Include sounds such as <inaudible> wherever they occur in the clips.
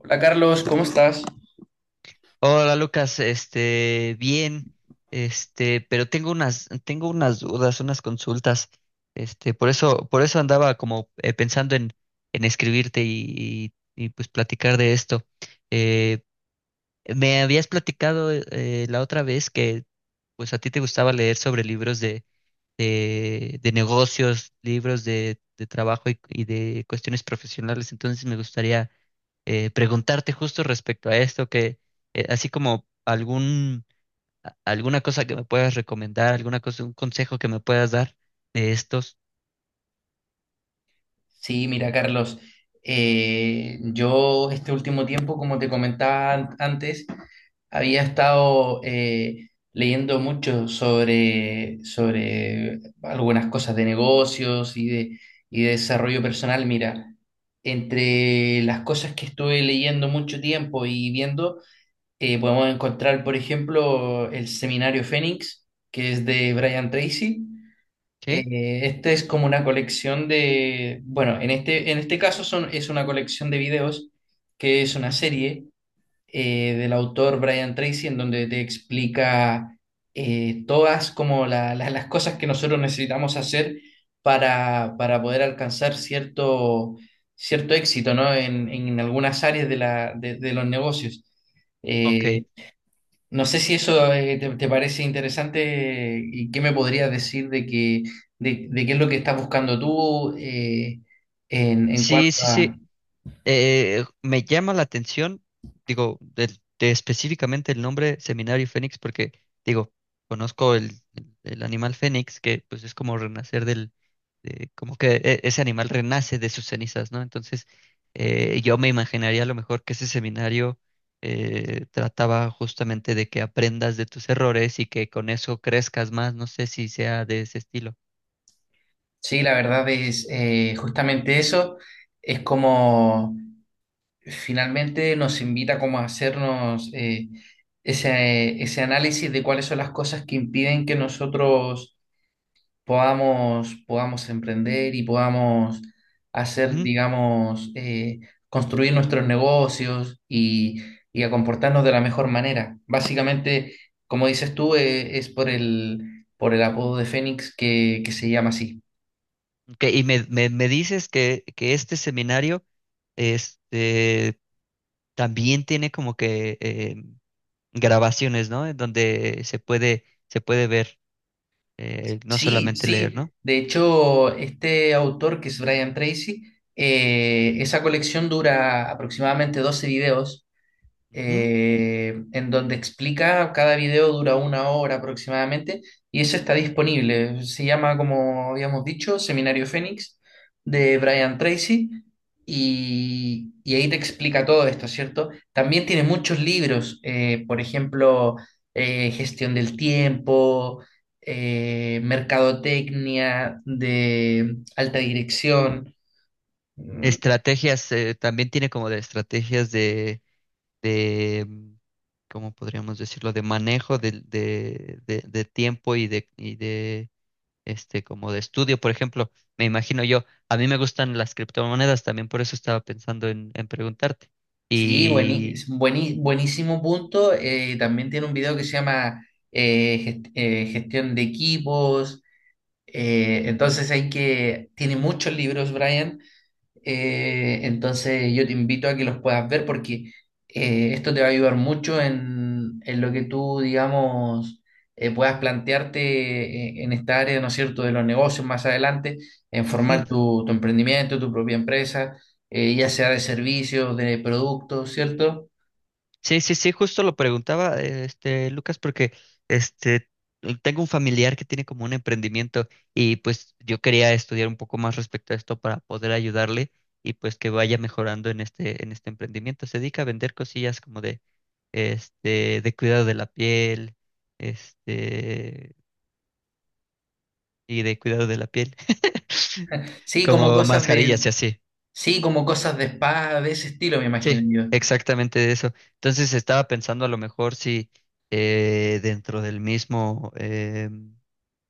Hola Carlos, ¿cómo estás? Hola Lucas, bien, pero tengo unas dudas, unas consultas, por eso andaba como en escribirte y, pues platicar de esto. Eh, Me habías platicado la otra vez que pues a ti te gustaba leer sobre de negocios, de trabajo y de cuestiones profesionales. Entonces me gustaría preguntarte justo respecto a esto. Que así como algún, a- alguna cosa que me puedas recomendar, alguna cosa, un consejo que me puedas dar de estos. Sí, mira Carlos, yo este último tiempo, como te comentaba antes, había estado leyendo mucho sobre algunas cosas de negocios y de desarrollo personal. Mira, entre las cosas que estuve leyendo mucho tiempo y viendo, podemos encontrar, por ejemplo, el seminario Fénix, que es de Brian Tracy. ¿Qué? Este es como una colección de, bueno, en este caso es una colección de videos que es una Ujú. serie del autor Brian Tracy, en donde te explica, todas como las cosas que nosotros necesitamos hacer para poder alcanzar cierto, cierto éxito, ¿no? En algunas áreas de la, de los negocios. Eh, Ok. no sé si eso te parece interesante, y qué me podrías decir de de qué es lo que estás buscando tú, en cuanto Sí, sí, a... sí. Me llama la atención, digo, de específicamente el nombre Seminario Fénix, porque, digo, conozco el animal fénix, que pues es como renacer como que ese animal renace de sus cenizas, ¿no? Entonces, yo me imaginaría a lo mejor que ese seminario trataba justamente de que aprendas de tus errores y que con eso crezcas más. No sé si sea de ese estilo. Sí, la verdad es, justamente eso, es como finalmente nos invita como a hacernos, ese, ese análisis de cuáles son las cosas que impiden que nosotros podamos emprender y podamos hacer, digamos, construir nuestros negocios y a comportarnos de la mejor manera. Básicamente, como dices tú, es por el apodo de Fénix que se llama así. Ok, y me dices que este seminario este, también tiene como que grabaciones, ¿no? En donde se puede ver, no Sí, solamente leer, sí. ¿no? De hecho, este autor, que es Brian Tracy, esa colección dura aproximadamente 12 videos, Ujú. En donde explica, cada video dura una hora aproximadamente, y eso está disponible. Se llama, como habíamos dicho, Seminario Fénix de Brian Tracy, y ahí te explica todo esto, ¿cierto? También tiene muchos libros, por ejemplo, Gestión del Tiempo, mercadotecnia de alta dirección. Estrategias, también tiene como de estrategias de, ¿cómo podríamos decirlo? De manejo de tiempo y y de como de estudio, por ejemplo, me imagino yo. A mí me gustan las criptomonedas, también por eso estaba en preguntarte. Sí, Y buenísimo punto. También tiene un video que se llama, Gestión de Equipos. Entonces hay que, tiene muchos libros, Brian. Entonces yo te invito a que los puedas ver, porque esto te va a ayudar mucho en lo que tú, digamos, puedas plantearte, en esta área, ¿no es cierto?, de los negocios más adelante, en ujú, formar tu emprendimiento, tu propia empresa, ya sea de servicios, de productos, ¿cierto? sí, sí, sí, justo lo preguntaba, Lucas, porque este, tengo un familiar que tiene como un emprendimiento, y pues yo quería estudiar un poco más respecto a esto para poder ayudarle, y pues que vaya mejorando en en este emprendimiento. Se dedica a vender cosillas como de cuidado de la piel, este, y de cuidado de la piel, <laughs> Sí, como como cosas de, mascarillas y así. Sí, como cosas de spa, de ese estilo, me imagino Sí, yo. exactamente eso. Entonces estaba pensando a lo mejor si dentro del mismo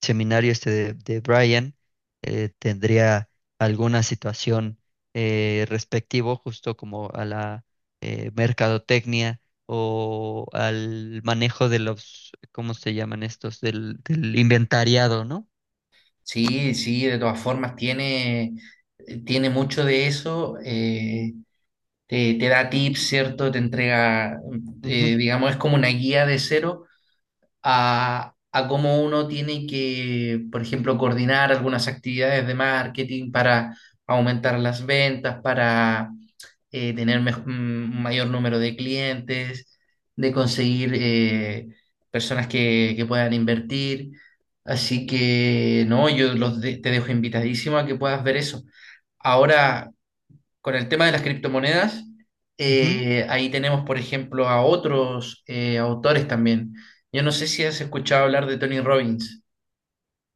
seminario de Brian tendría alguna situación respectivo justo como a la mercadotecnia, o al manejo de los, ¿cómo se llaman estos? Del, del inventariado, ¿no? Sí, sí, de todas formas, tiene, tiene mucho de eso. Te da tips, ¿cierto? Te entrega, Ujú, digamos, es como una guía de cero a cómo uno tiene que, por ejemplo, coordinar algunas actividades de marketing para aumentar las ventas, para tener un mayor número de clientes, de conseguir personas que puedan invertir. Así que, no, yo te dejo invitadísimo a que puedas ver eso. Ahora, con el tema de las criptomonedas, ujú. Ahí tenemos, por ejemplo, a otros autores también. Yo no sé si has escuchado hablar de Tony Robbins,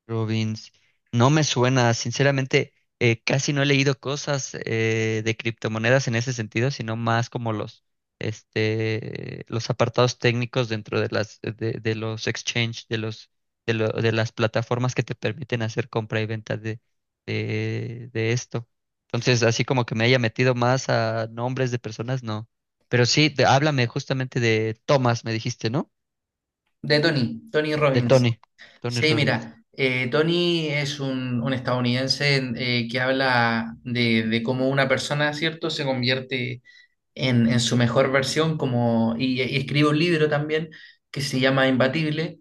Rubins, no me suena, sinceramente. Casi no he leído cosas de criptomonedas en ese sentido, sino más como los, los apartados técnicos dentro de de los exchange, de los, de lo- de las plataformas que te permiten hacer compra y venta de esto. Entonces, así como que me haya metido más a nombres de personas, no. Pero sí, háblame justamente de Thomas, me dijiste, ¿no? de Tony, Tony De Robbins. Tony, Tony Sí, Robbins. mira, Tony es un estadounidense que habla de cómo una persona, ¿cierto?, se convierte en su mejor versión como, y escribe un libro también que se llama Imbatible,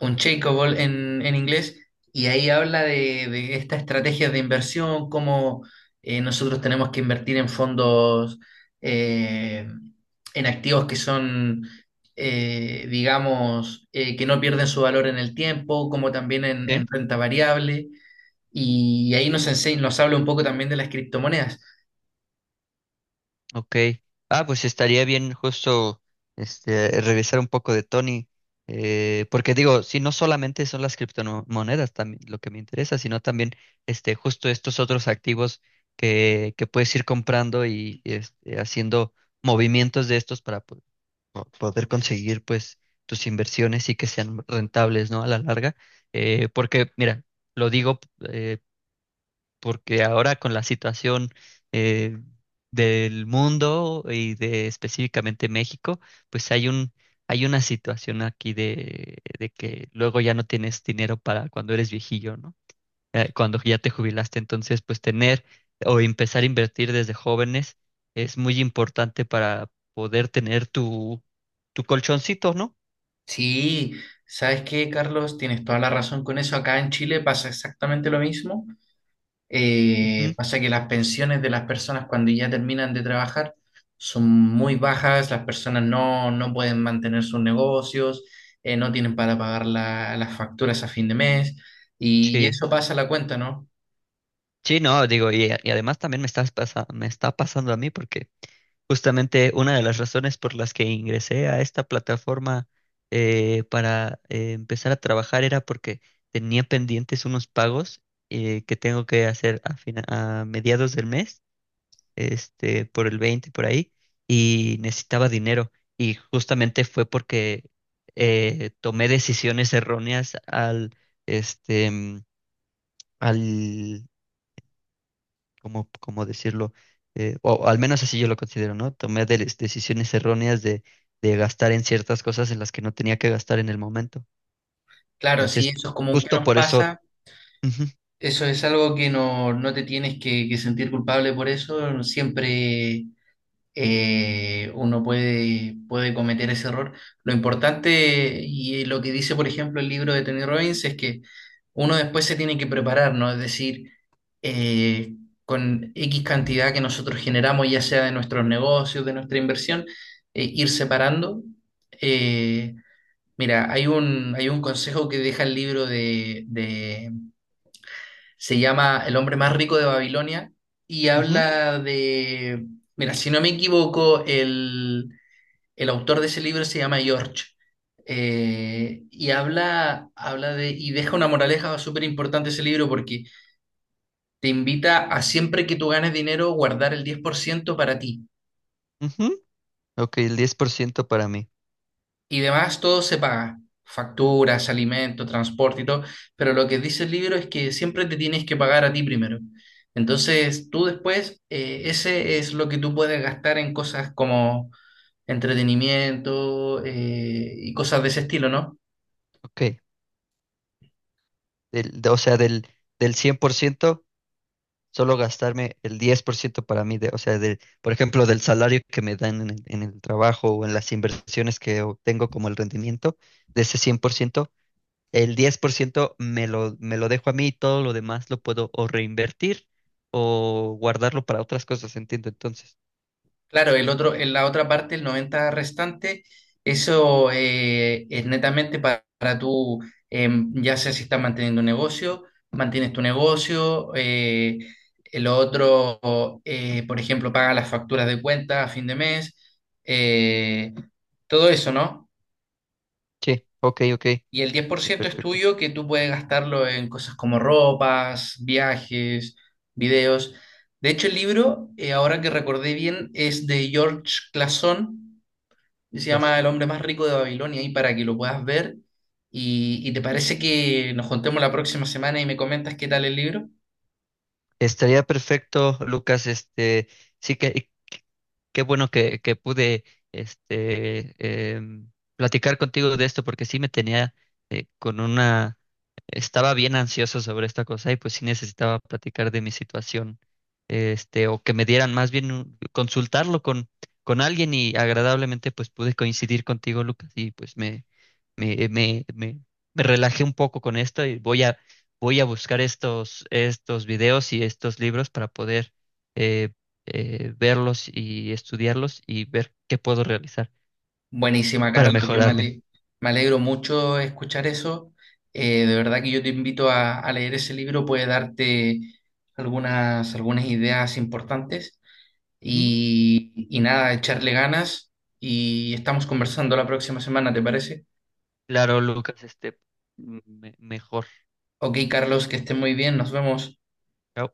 un Ball en inglés, y ahí habla de estas estrategias de inversión, cómo nosotros tenemos que invertir en fondos, eh, en activos que son, digamos, que no pierden su valor en el tiempo, como también en renta variable. Y ahí nos habla un poco también de las criptomonedas. Ok. Ah, pues estaría bien justo revisar un poco de Tony. Porque digo, si no solamente son las criptomonedas también lo que me interesa, sino también justo estos otros activos que puedes ir comprando y haciendo movimientos de estos para poder conseguir pues tus inversiones y que sean rentables, ¿no? A la larga. Porque, mira, lo digo eh, porque ahora con la situación eh, del mundo y de específicamente México, pues hay una situación aquí de que luego ya no tienes dinero para cuando eres viejillo, ¿no? Cuando ya te jubilaste, entonces pues tener, o empezar a invertir desde jóvenes, es muy importante para poder tener tu colchoncito, ¿no? Sí, ¿sabes qué, Carlos? Tienes toda la razón con eso. Acá en Chile pasa exactamente lo mismo. Ujú. Pasa que las pensiones de las personas cuando ya terminan de trabajar son muy bajas, las personas no, no pueden mantener sus negocios, no tienen para pagar las facturas a fin de mes, y Sí. eso pasa a la cuenta, ¿no? Sí, no, digo, y además también me está pasando a mí, porque justamente una de las razones por las que ingresé a esta plataforma para empezar a trabajar era porque tenía pendientes unos pagos que tengo que hacer a, a mediados del mes, por el 20 por ahí, y necesitaba dinero. Y justamente fue porque tomé decisiones erróneas este, mm, al. ¿Cómo, cómo decirlo? O al menos así yo lo considero, ¿no? Decisiones erróneas de gastar en ciertas cosas en las que no tenía que gastar en el momento. Claro, si Entonces, eso es común que justo nos por eso... pasa, ujú, eso es algo que no, no te tienes que sentir culpable por eso, siempre uno puede, puede cometer ese error. Lo importante y lo que dice, por ejemplo, el libro de Tony Robbins es que uno después se tiene que preparar, ¿no? Es decir, eh, con X cantidad que nosotros generamos, ya sea de nuestros negocios, de nuestra inversión, ir separando. Eh, Mira, hay un consejo que deja el libro de, se llama El hombre más rico de Babilonia, y ujú, habla de, mira, si no me equivoco, el autor de ese libro se llama George, habla de, y deja una moraleja súper importante ese libro, porque te invita a siempre que tú ganes dinero guardar el 10% para ti. ujú. Ok, el 10% para mí. Y demás, todo se paga. Facturas, alimento, transporte y todo. Pero lo que dice el libro es que siempre te tienes que pagar a ti primero. Entonces, tú después, ese es lo que tú puedes gastar en cosas como entretenimiento, y cosas de ese estilo, ¿no? Ok, o sea, del 100% solo gastarme el 10% para mí. De, o sea, de, por ejemplo, del salario que me dan en el trabajo, o en las inversiones que obtengo como el rendimiento, de ese 100% el 10% me lo dejo a mí, y todo lo demás lo puedo o reinvertir o guardarlo para otras cosas, entiendo. Entonces, Claro, el otro, en la otra parte, el 90 restante, eso eh, ya sea si está manejando un negocio, un negocio, ejemplo, paga las facturas de cuenta a fin de mes, eh, todo eso, ¿no? sí, ok, ok. Y el diez por ciento es Perfecto. tuyo, que tú puedes gastarlo en cosas como ropas, viajes, videos. De hecho, el libro, ahora que recordé bien, es de George Clason, que se llama El Claro. hombre más rico de Babilonia, y para que lo puedas ver. Y ¿te parece que nos juntemos la próxima semana y me comentas qué tal el libro? Estaría perfecto, Lucas. Sí que, qué bueno que pude este, em, platicar contigo de esto, porque sí me tenía con una... Estaba bien ansioso sobre esta cosa, y pues sí necesitaba platicar de mi situación, o que me dieran, más bien consultarlo con alguien, y agradablemente pues pude coincidir contigo, Lucas, y pues me, me, me, me relajé un poco con esto. Y voy a buscar estos, estos videos y estos libros para poder... eh, verlos y estudiarlos y ver qué puedo realizar Buenísima, para Carlos. Yo mejorarme. Me alegro mucho escuchar eso. De verdad que yo te invito a leer ese libro, puede darte algunas, algunas ideas importantes. Ujú. Y nada, echarle ganas y estamos conversando la próxima semana, ¿te parece? Claro, Lucas, mejor. Ok, Carlos, que estés muy bien, nos vemos. Chao.